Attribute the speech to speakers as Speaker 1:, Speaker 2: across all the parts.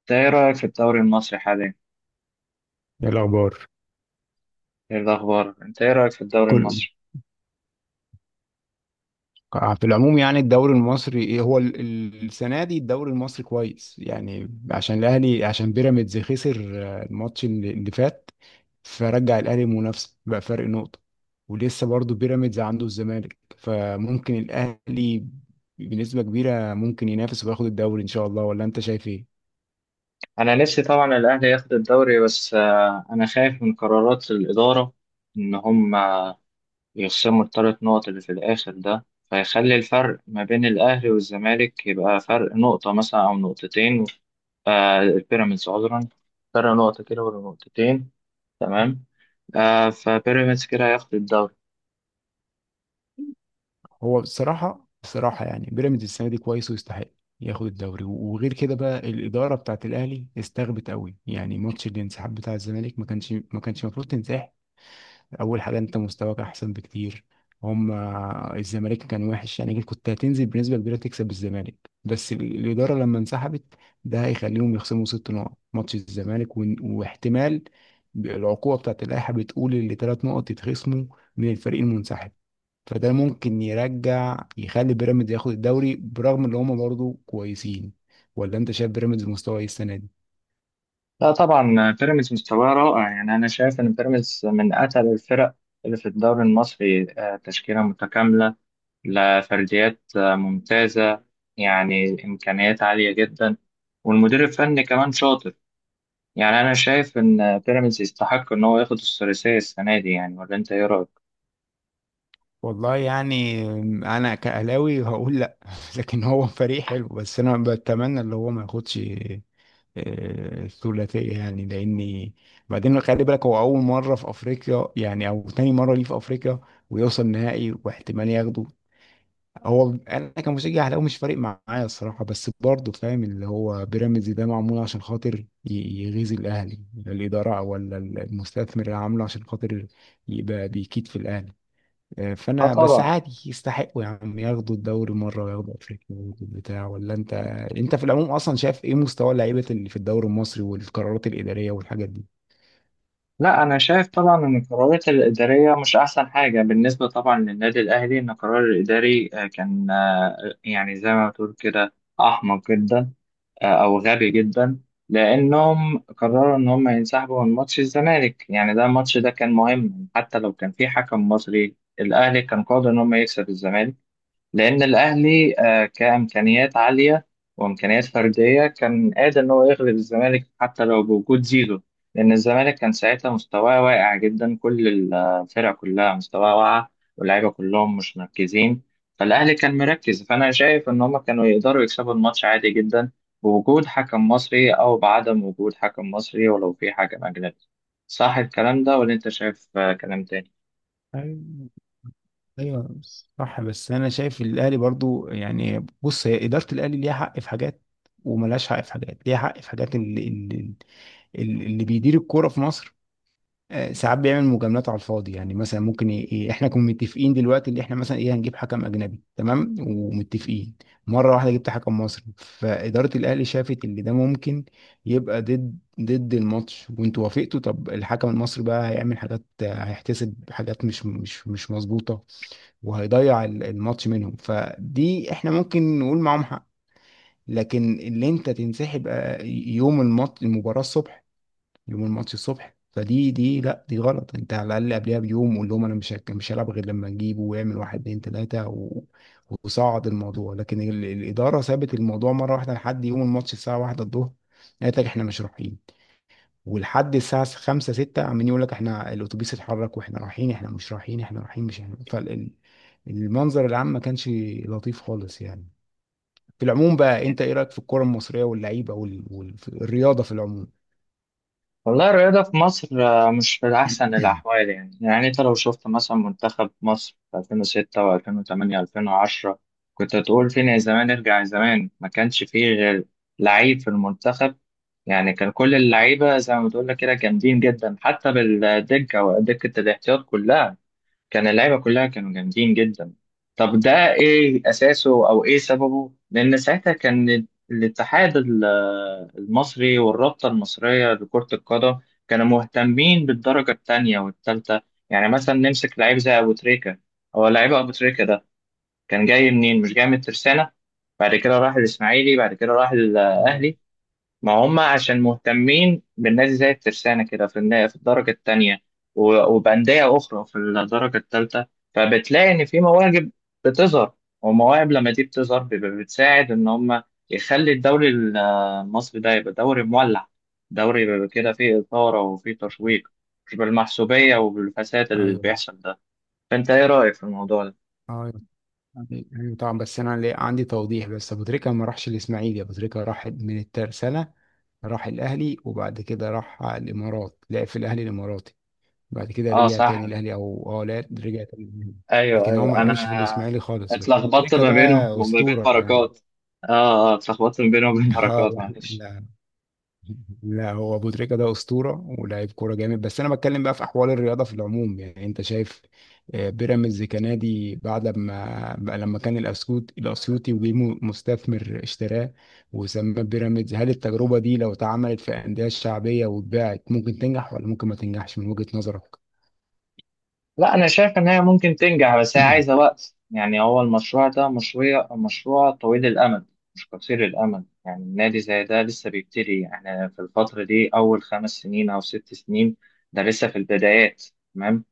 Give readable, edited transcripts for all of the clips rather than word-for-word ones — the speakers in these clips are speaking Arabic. Speaker 1: انت ايه رأيك في الدوري المصري حاليا؟
Speaker 2: ايه الاخبار؟
Speaker 1: ايه الأخبار؟ انت ايه رأيك في الدوري
Speaker 2: كل
Speaker 1: المصري؟
Speaker 2: آه، في العموم يعني الدوري المصري إيه هو السنه دي الدوري المصري كويس يعني عشان الاهلي، عشان بيراميدز خسر الماتش اللي فات. فرجع الاهلي منافسه، بقى فرق نقطه ولسه برضه بيراميدز عنده الزمالك، فممكن الاهلي بنسبه كبيره ممكن ينافس وياخد الدوري ان شاء الله. ولا انت شايف ايه؟
Speaker 1: أنا نفسي طبعا الأهلي ياخد الدوري بس أنا خايف من قرارات الإدارة إن هم يخصموا الثلاث نقط اللي في الآخر ده فيخلي الفرق ما بين الأهلي والزمالك يبقى فرق نقطة مثلا أو نقطتين. البيراميدز، عذرا، فرق نقطة كده ولا نقطتين. تمام. فبيراميدز كده هياخد الدوري.
Speaker 2: هو بصراحة بصراحة يعني بيراميدز السنة دي كويس ويستحق ياخد الدوري، وغير كده بقى الإدارة بتاعت الأهلي استغبت قوي. يعني ماتش الانسحاب بتاع الزمالك ما كانش المفروض تنسحب. أول حاجة أنت مستواك أحسن بكتير هم الزمالك كان وحش يعني كنت هتنزل بنسبة كبيرة تكسب الزمالك، بس الإدارة لما انسحبت، ده هيخليهم يخصموا ست نقط ماتش الزمالك واحتمال العقوبة بتاعت اللائحة بتقول اللي ثلاث نقط يتخصموا من الفريق المنسحب. فده ممكن يرجع يخلي بيراميدز ياخد الدوري برغم ان هم برضه كويسين. ولا انت شايف بيراميدز مستوى ايه السنه دي؟
Speaker 1: لا طبعا بيراميدز مستواه رائع، يعني انا شايف ان بيراميدز من اتقل الفرق اللي في الدوري المصري. تشكيله متكامله، لفرديات ممتازه، يعني امكانيات عاليه جدا، والمدير الفني كمان شاطر. يعني انا شايف ان بيراميدز يستحق ان هو ياخد الثلاثيه السنه دي، يعني ولا انت ايه رايك؟
Speaker 2: والله يعني انا كاهلاوي هقول لا لكن هو فريق حلو، بس انا بتمنى اللي هو ما ياخدش الثلاثيه يعني، لاني بعدين خلي بالك هو اول مره في افريقيا، يعني او تاني مره ليه في افريقيا ويوصل نهائي واحتمال ياخده. هو انا كمشجع اهلاوي مش فارق معايا الصراحه، بس برضه فاهم اللي هو بيراميدز ده معمول عشان خاطر يغيظ الاهلي، لا الاداره ولا المستثمر اللي عامله عشان خاطر يبقى بيكيد في الاهلي.
Speaker 1: اه
Speaker 2: فانا بس
Speaker 1: طبعا.
Speaker 2: عادي يستحقوا يا عم ياخدوا الدوري مره وياخدوا افريقيا وياخدوا البتاع. ولا انت، انت في العموم اصلا شايف ايه مستوى اللعيبه اللي في الدوري المصري والقرارات الاداريه والحاجات
Speaker 1: لا انا شايف طبعا ان القرارات الاداريه مش احسن حاجه بالنسبه طبعا للنادي الاهلي، ان القرار الاداري كان يعني زي ما بتقول كده احمق جدا او غبي جدا، لانهم قرروا ان هم ينسحبوا من ماتش الزمالك. يعني ده الماتش ده كان مهم، حتى لو كان في حكم مصري الاهلي كان قادر ان هم يكسب الزمالك. لأن الأهلي كإمكانيات عالية وإمكانيات فردية كان قادر إن هو يغلب الزمالك حتى لو بوجود زيزو. لأن الزمالك كان ساعتها مستواه واقع جدا، كل الفرق كلها مستواها واقع، واللعيبة كلهم مش مركزين، فالأهلي كان مركز. فأنا شايف إن هما كانوا يقدروا يكسبوا الماتش عادي جدا، بوجود حكم مصري أو بعدم وجود حكم مصري ولو في حكم أجنبي. صح الكلام ده ولا أنت شايف كلام تاني؟
Speaker 2: دي؟ ايوه، صح. بس انا شايف الاهلي برضو، يعني بص، هي اداره الاهلي ليها حق في حاجات وملهاش حق في حاجات. ليها حق في حاجات، اللي بيدير الكوره في مصر ساعات بيعمل مجاملات على الفاضي. يعني مثلا ممكن احنا كنا متفقين دلوقتي اللي احنا مثلا ايه هنجيب حكم اجنبي، تمام، ومتفقين. مره واحده جبت حكم مصري، فاداره الاهلي شافت ان ده ممكن يبقى ضد الماتش وانتوا وافقتوا. طب الحكم المصري بقى هيعمل حاجات، هيحتسب حاجات مش مظبوطه وهيضيع الماتش منهم. فدي احنا ممكن نقول معاهم حق. لكن اللي انت تنسحب يوم الماتش المباراة الصبح، يوم الماتش الصبح، فدي، دي لا، دي غلط. انت على الاقل قبلها بيوم قول لهم انا مش هلعب غير لما نجيبه، ويعمل واحد اتنين تلاته وصعد الموضوع. لكن الاداره سابت الموضوع مره واحده لحد يوم الماتش الساعه واحدة الظهر، قالت لك احنا مش رايحين. ولحد الساعة خمسة ستة عمالين يقول لك احنا الأتوبيس اتحرك واحنا رايحين، احنا مش رايحين، احنا رايحين، مش احنا. فالمنظر العام ما كانش لطيف خالص يعني. في العموم بقى انت ايه رأيك في الكرة المصرية واللعيبة والرياضة في العموم؟
Speaker 1: والله الرياضة في مصر مش في أحسن الأحوال. يعني يعني أنت لو شفت مثلا منتخب مصر في 2006 و2008 و2010، كنت هتقول فين يا زمان ارجع زمان. ما كانش فيه غير لعيب في المنتخب، يعني كان كل اللعيبة زي ما بتقول لك كده جامدين جدا، حتى بالدكة، ودكة الاحتياط كلها كان اللعيبه كلها كانوا جامدين جدا. طب ده ايه اساسه او ايه سببه؟ لان ساعتها كان الاتحاد المصري والرابطه المصريه لكره القدم كانوا مهتمين بالدرجه الثانيه والثالثه. يعني مثلا نمسك لعيب زي ابو تريكه، هو لعيب ابو تريكه ده كان جاي منين؟ مش جاي من الترسانه؟ بعد كده راح الاسماعيلي، بعد كده راح
Speaker 2: اه.
Speaker 1: الاهلي. ما هم عشان مهتمين بالنادي زي الترسانة كده في في الدرجة التانية، وبأندية أخرى في الدرجة التالتة، فبتلاقي إن في مواهب بتظهر. ومواهب لما دي بتظهر بيبقى بتساعد إن هم يخلي الدوري المصري ده يبقى دوري مولع، دوري بيبقى كده فيه إثارة وفيه تشويق، مش بالمحسوبية وبالفساد اللي
Speaker 2: ايوه.
Speaker 1: بيحصل ده. فأنت إيه رأيك في الموضوع ده؟
Speaker 2: ايوه ايوه طبعا. بس انا عندي توضيح. بس ابو تريكه ما راحش الاسماعيلي، ابو تريكه راح من الترسانه، راح الاهلي وبعد كده راح الامارات، لعب في الاهلي الاماراتي، بعد كده
Speaker 1: آه
Speaker 2: رجع تاني
Speaker 1: صح.
Speaker 2: الاهلي، او اه لا، رجع تاني الأهلي.
Speaker 1: ايوه
Speaker 2: لكن هو
Speaker 1: ايوه،
Speaker 2: ما لعبش في
Speaker 1: انا
Speaker 2: الاسماعيلي خالص. بس ابو
Speaker 1: اتلخبطت
Speaker 2: تريكه
Speaker 1: ما
Speaker 2: ده
Speaker 1: بينهم وما بين
Speaker 2: اسطوره يعني
Speaker 1: بركات. اه اه، اتلخبطت ما بينهم وبين
Speaker 2: اه.
Speaker 1: بركات،
Speaker 2: لا
Speaker 1: معلش.
Speaker 2: لا لا هو ابو تريكه ده اسطوره ولاعيب كوره جامد. بس انا بتكلم بقى في احوال الرياضه في العموم. يعني انت شايف بيراميدز كنادي بعد ما بقى، لما كان الاسيوطي وجه مستثمر اشتراه وسماه بيراميدز، هل التجربه دي لو اتعملت في انديه شعبيه واتباعت ممكن تنجح ولا ممكن ما تنجحش من وجهه نظرك؟
Speaker 1: لا انا شايف ان هي ممكن تنجح، بس هي عايزه وقت. يعني هو المشروع ده مشروع طويل الامد، مش قصير الامد. يعني النادي زي ده لسه بيبتدي، احنا في الفتره دي اول خمس سنين او ست سنين، ده لسه في البدايات. تمام.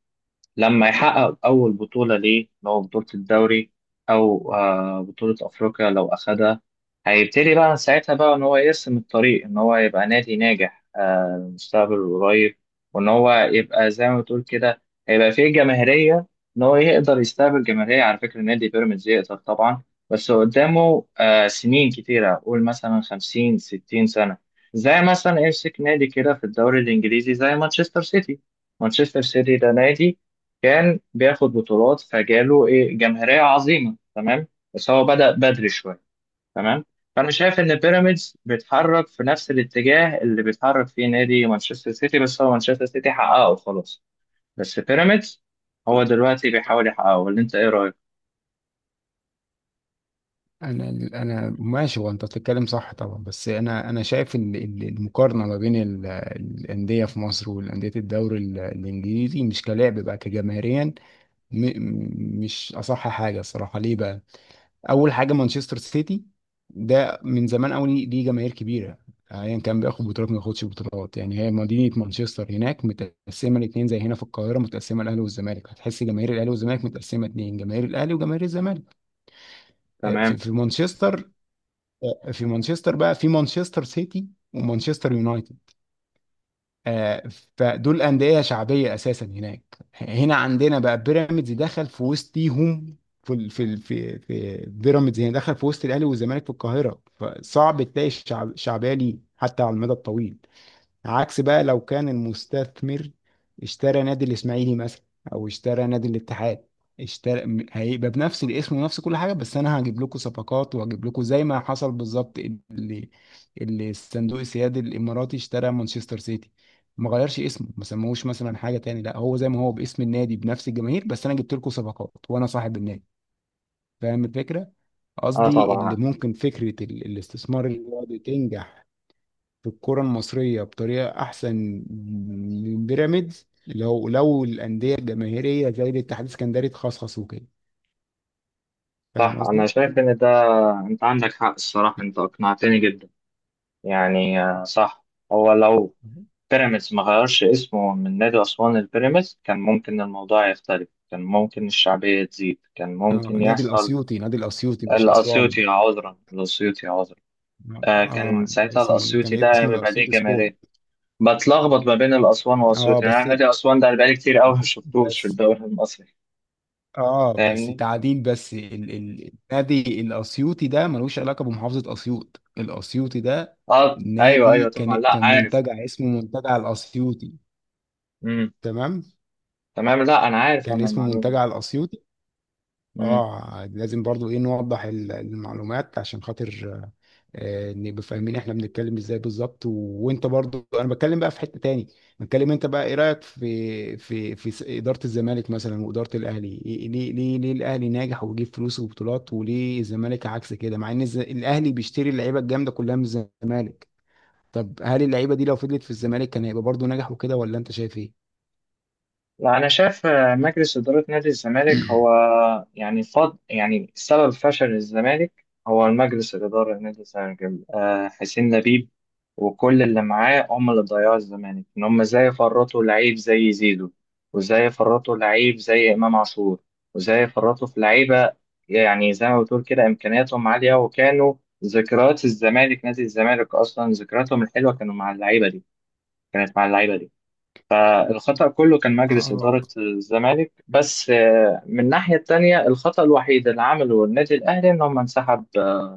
Speaker 1: لما يحقق أول بطولة ليه، اللي هو بطولة الدوري أو بطولة أفريقيا لو أخدها، هيبتدي بقى ساعتها إن هو يرسم الطريق إن هو يبقى نادي ناجح المستقبل القريب، وإن هو يبقى زي ما بتقول كده هيبقى فيه جماهيرية، إن هو يقدر يستقبل جماهيرية. على فكرة نادي بيراميدز يقدر طبعا، بس قدامه سنين كتيرة، قول مثلا خمسين ستين سنة. زي مثلا يمسك نادي كده في الدوري الإنجليزي زي مانشستر سيتي. مانشستر سيتي ده نادي كان بياخد بطولات فجاله ايه جماهيريه عظيمه، تمام، بس هو بدأ بدري شويه. تمام. فانا شايف ان بيراميدز بيتحرك في نفس الاتجاه اللي بيتحرك فيه نادي مانشستر سيتي، بس هو مانشستر سيتي حققه خلاص، بس بيراميدز هو دلوقتي بيحاول يحققه. ولا انت ايه رايك؟
Speaker 2: انا انا ماشي وانت بتتكلم، صح طبعا. بس انا شايف ان إن المقارنه ما بين الانديه في مصر والانديه الدوري الانجليزي مش كلاعب بقى، كجماهيريا مش اصح حاجه الصراحه. ليه بقى؟ اول حاجه مانشستر سيتي ده من زمان قوي ليه، ليه جماهير كبيره ايا كان بياخد بطولات ما ياخدش بطولات. يعني هي مدينه مانشستر هناك متقسمه الاثنين، زي هنا في القاهره متقسمه الاهلي والزمالك، هتحس جماهير الاهلي والزمالك متقسمه اثنين، جماهير الاهلي وجماهير الزمالك في
Speaker 1: تمام.
Speaker 2: مانشستر بقى، في مانشستر سيتي ومانشستر يونايتد آه، فدول أندية شعبية أساسا هناك. هنا عندنا بقى بيراميدز دخل في وسطيهم في بيراميدز هنا دخل في وسط الأهلي والزمالك في القاهرة، فصعب تلاقي الشعب شعبية ليه حتى على المدى الطويل. عكس بقى لو كان المستثمر اشترى نادي الاسماعيلي مثلا، او اشترى نادي الاتحاد، هيبقى بنفس الاسم ونفس كل حاجه، بس انا هجيب لكم صفقات وهجيب لكم زي ما حصل بالظبط. اللي اللي الصندوق السيادي الاماراتي اشترى مانشستر سيتي، ما غيرش اسمه، ما سموهوش مثلا حاجه تاني، لا هو زي ما هو باسم النادي بنفس الجماهير، بس انا جبت لكم صفقات وانا صاحب النادي. فاهم الفكره؟
Speaker 1: اه
Speaker 2: قصدي اللي
Speaker 1: طبعا.
Speaker 2: ممكن فكره الاستثمار اللي هو بتنجح في الكرة المصرية بطريقة أحسن من بيراميدز، لو لو الأندية الجماهيرية زي الاتحاد السكندري تخصخصوا كده. فاهم
Speaker 1: صح، انا
Speaker 2: قصدي؟
Speaker 1: شايف ان ده، انت عندك حق الصراحه، انت اقنعتني جدا. يعني صح. هو لو
Speaker 2: مهم.
Speaker 1: بيراميدز ما غيرش اسمه من نادي أسوان لبيراميدز كان ممكن الموضوع يختلف، كان ممكن الشعبية تزيد، كان
Speaker 2: اه،
Speaker 1: ممكن
Speaker 2: نادي
Speaker 1: يحصل.
Speaker 2: الأسيوطي، نادي الأسيوطي مش أسوان.
Speaker 1: الأسيوطي، عذرا.
Speaker 2: اه
Speaker 1: آه، كان ساعتها
Speaker 2: اسمه، كان
Speaker 1: الأسيوطي ده
Speaker 2: اسمه
Speaker 1: بيبقى ليه
Speaker 2: الأسيوطي سبورت.
Speaker 1: جماهيرية. بتلخبط ما بين الأسوان
Speaker 2: اه
Speaker 1: والأسيوطي. يعني
Speaker 2: بس،
Speaker 1: نادي أسوان ده أنا بقالي كتير أوي ما شفتوش في
Speaker 2: بس،
Speaker 1: الدوري المصري.
Speaker 2: اه بس
Speaker 1: فاهمني؟
Speaker 2: تعديل، بس ال ال النادي الأسيوطي ده ملوش علاقة بمحافظة أسيوط. الأسيوطي ده
Speaker 1: اه أيوه
Speaker 2: نادي،
Speaker 1: أيوه طبعا، لا
Speaker 2: كان
Speaker 1: عارف.
Speaker 2: منتجع اسمه منتجع الأسيوطي،
Speaker 1: مم.
Speaker 2: تمام،
Speaker 1: تمام. لا أنا عارف
Speaker 2: كان
Speaker 1: أنا
Speaker 2: اسمه
Speaker 1: المعلومة دي.
Speaker 2: منتجع الاسيوطي.
Speaker 1: مم.
Speaker 2: اه لازم برضو ايه نوضح المعلومات عشان خاطر نبقى فاهمين احنا بنتكلم ازاي بالظبط وانت برضو، انا بتكلم بقى في حتة تاني. بتكلم انت بقى ايه رأيك في إدارة الزمالك مثلا وإدارة الاهلي ليه، ليه الاهلي ناجح وبيجيب فلوس وبطولات، وليه الزمالك عكس كده مع ان الاهلي بيشتري اللعيبة الجامدة كلها من الزمالك؟ طب هل اللعيبة دي لو فضلت في الزمالك كان هيبقى برضو ناجح وكده، ولا انت شايف ايه؟
Speaker 1: لا أنا شايف مجلس إدارة نادي الزمالك هو، يعني فض يعني سبب فشل الزمالك هو المجلس الإدارة لنادي الزمالك. حسين لبيب وكل اللي معاه هم اللي ضيعوا الزمالك. إن هم إزاي فرطوا لعيب زي زيزو، وإزاي فرطوا لعيب زي إمام عاشور، وإزاي فرطوا في لعيبة يعني زي ما بتقول كده إمكانياتهم عالية وكانوا ذكريات الزمالك. نادي الزمالك أصلا ذكرياتهم الحلوة كانوا مع اللعيبة دي، كانت مع اللعيبة دي. الخطأ كله كان مجلس
Speaker 2: اه.
Speaker 1: إدارة الزمالك. بس من الناحية التانية الخطأ الوحيد اللي عمله النادي الأهلي إن هم انسحب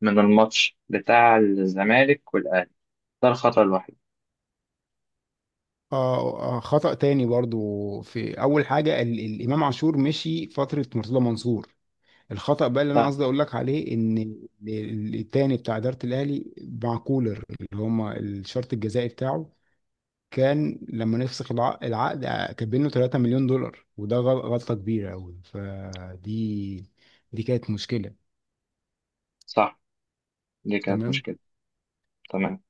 Speaker 1: من الماتش بتاع الزمالك والأهلي، ده الخطأ الوحيد.
Speaker 2: خطأ تاني برضو في أول حاجة، ال الإمام عاشور مشي فترة مرتضى منصور. الخطأ بقى اللي أنا
Speaker 1: صح.
Speaker 2: قصدي أقول لك عليه إن التاني بتاع إدارة الأهلي مع كولر اللي هما الشرط الجزائي بتاعه، كان لما نفسخ العقد كاتبين له 3 مليون دولار، وده غلطة كبيرة أوي. فدي، دي كانت مشكلة.
Speaker 1: صح دي كانت
Speaker 2: تمام.
Speaker 1: مشكلة. تمام.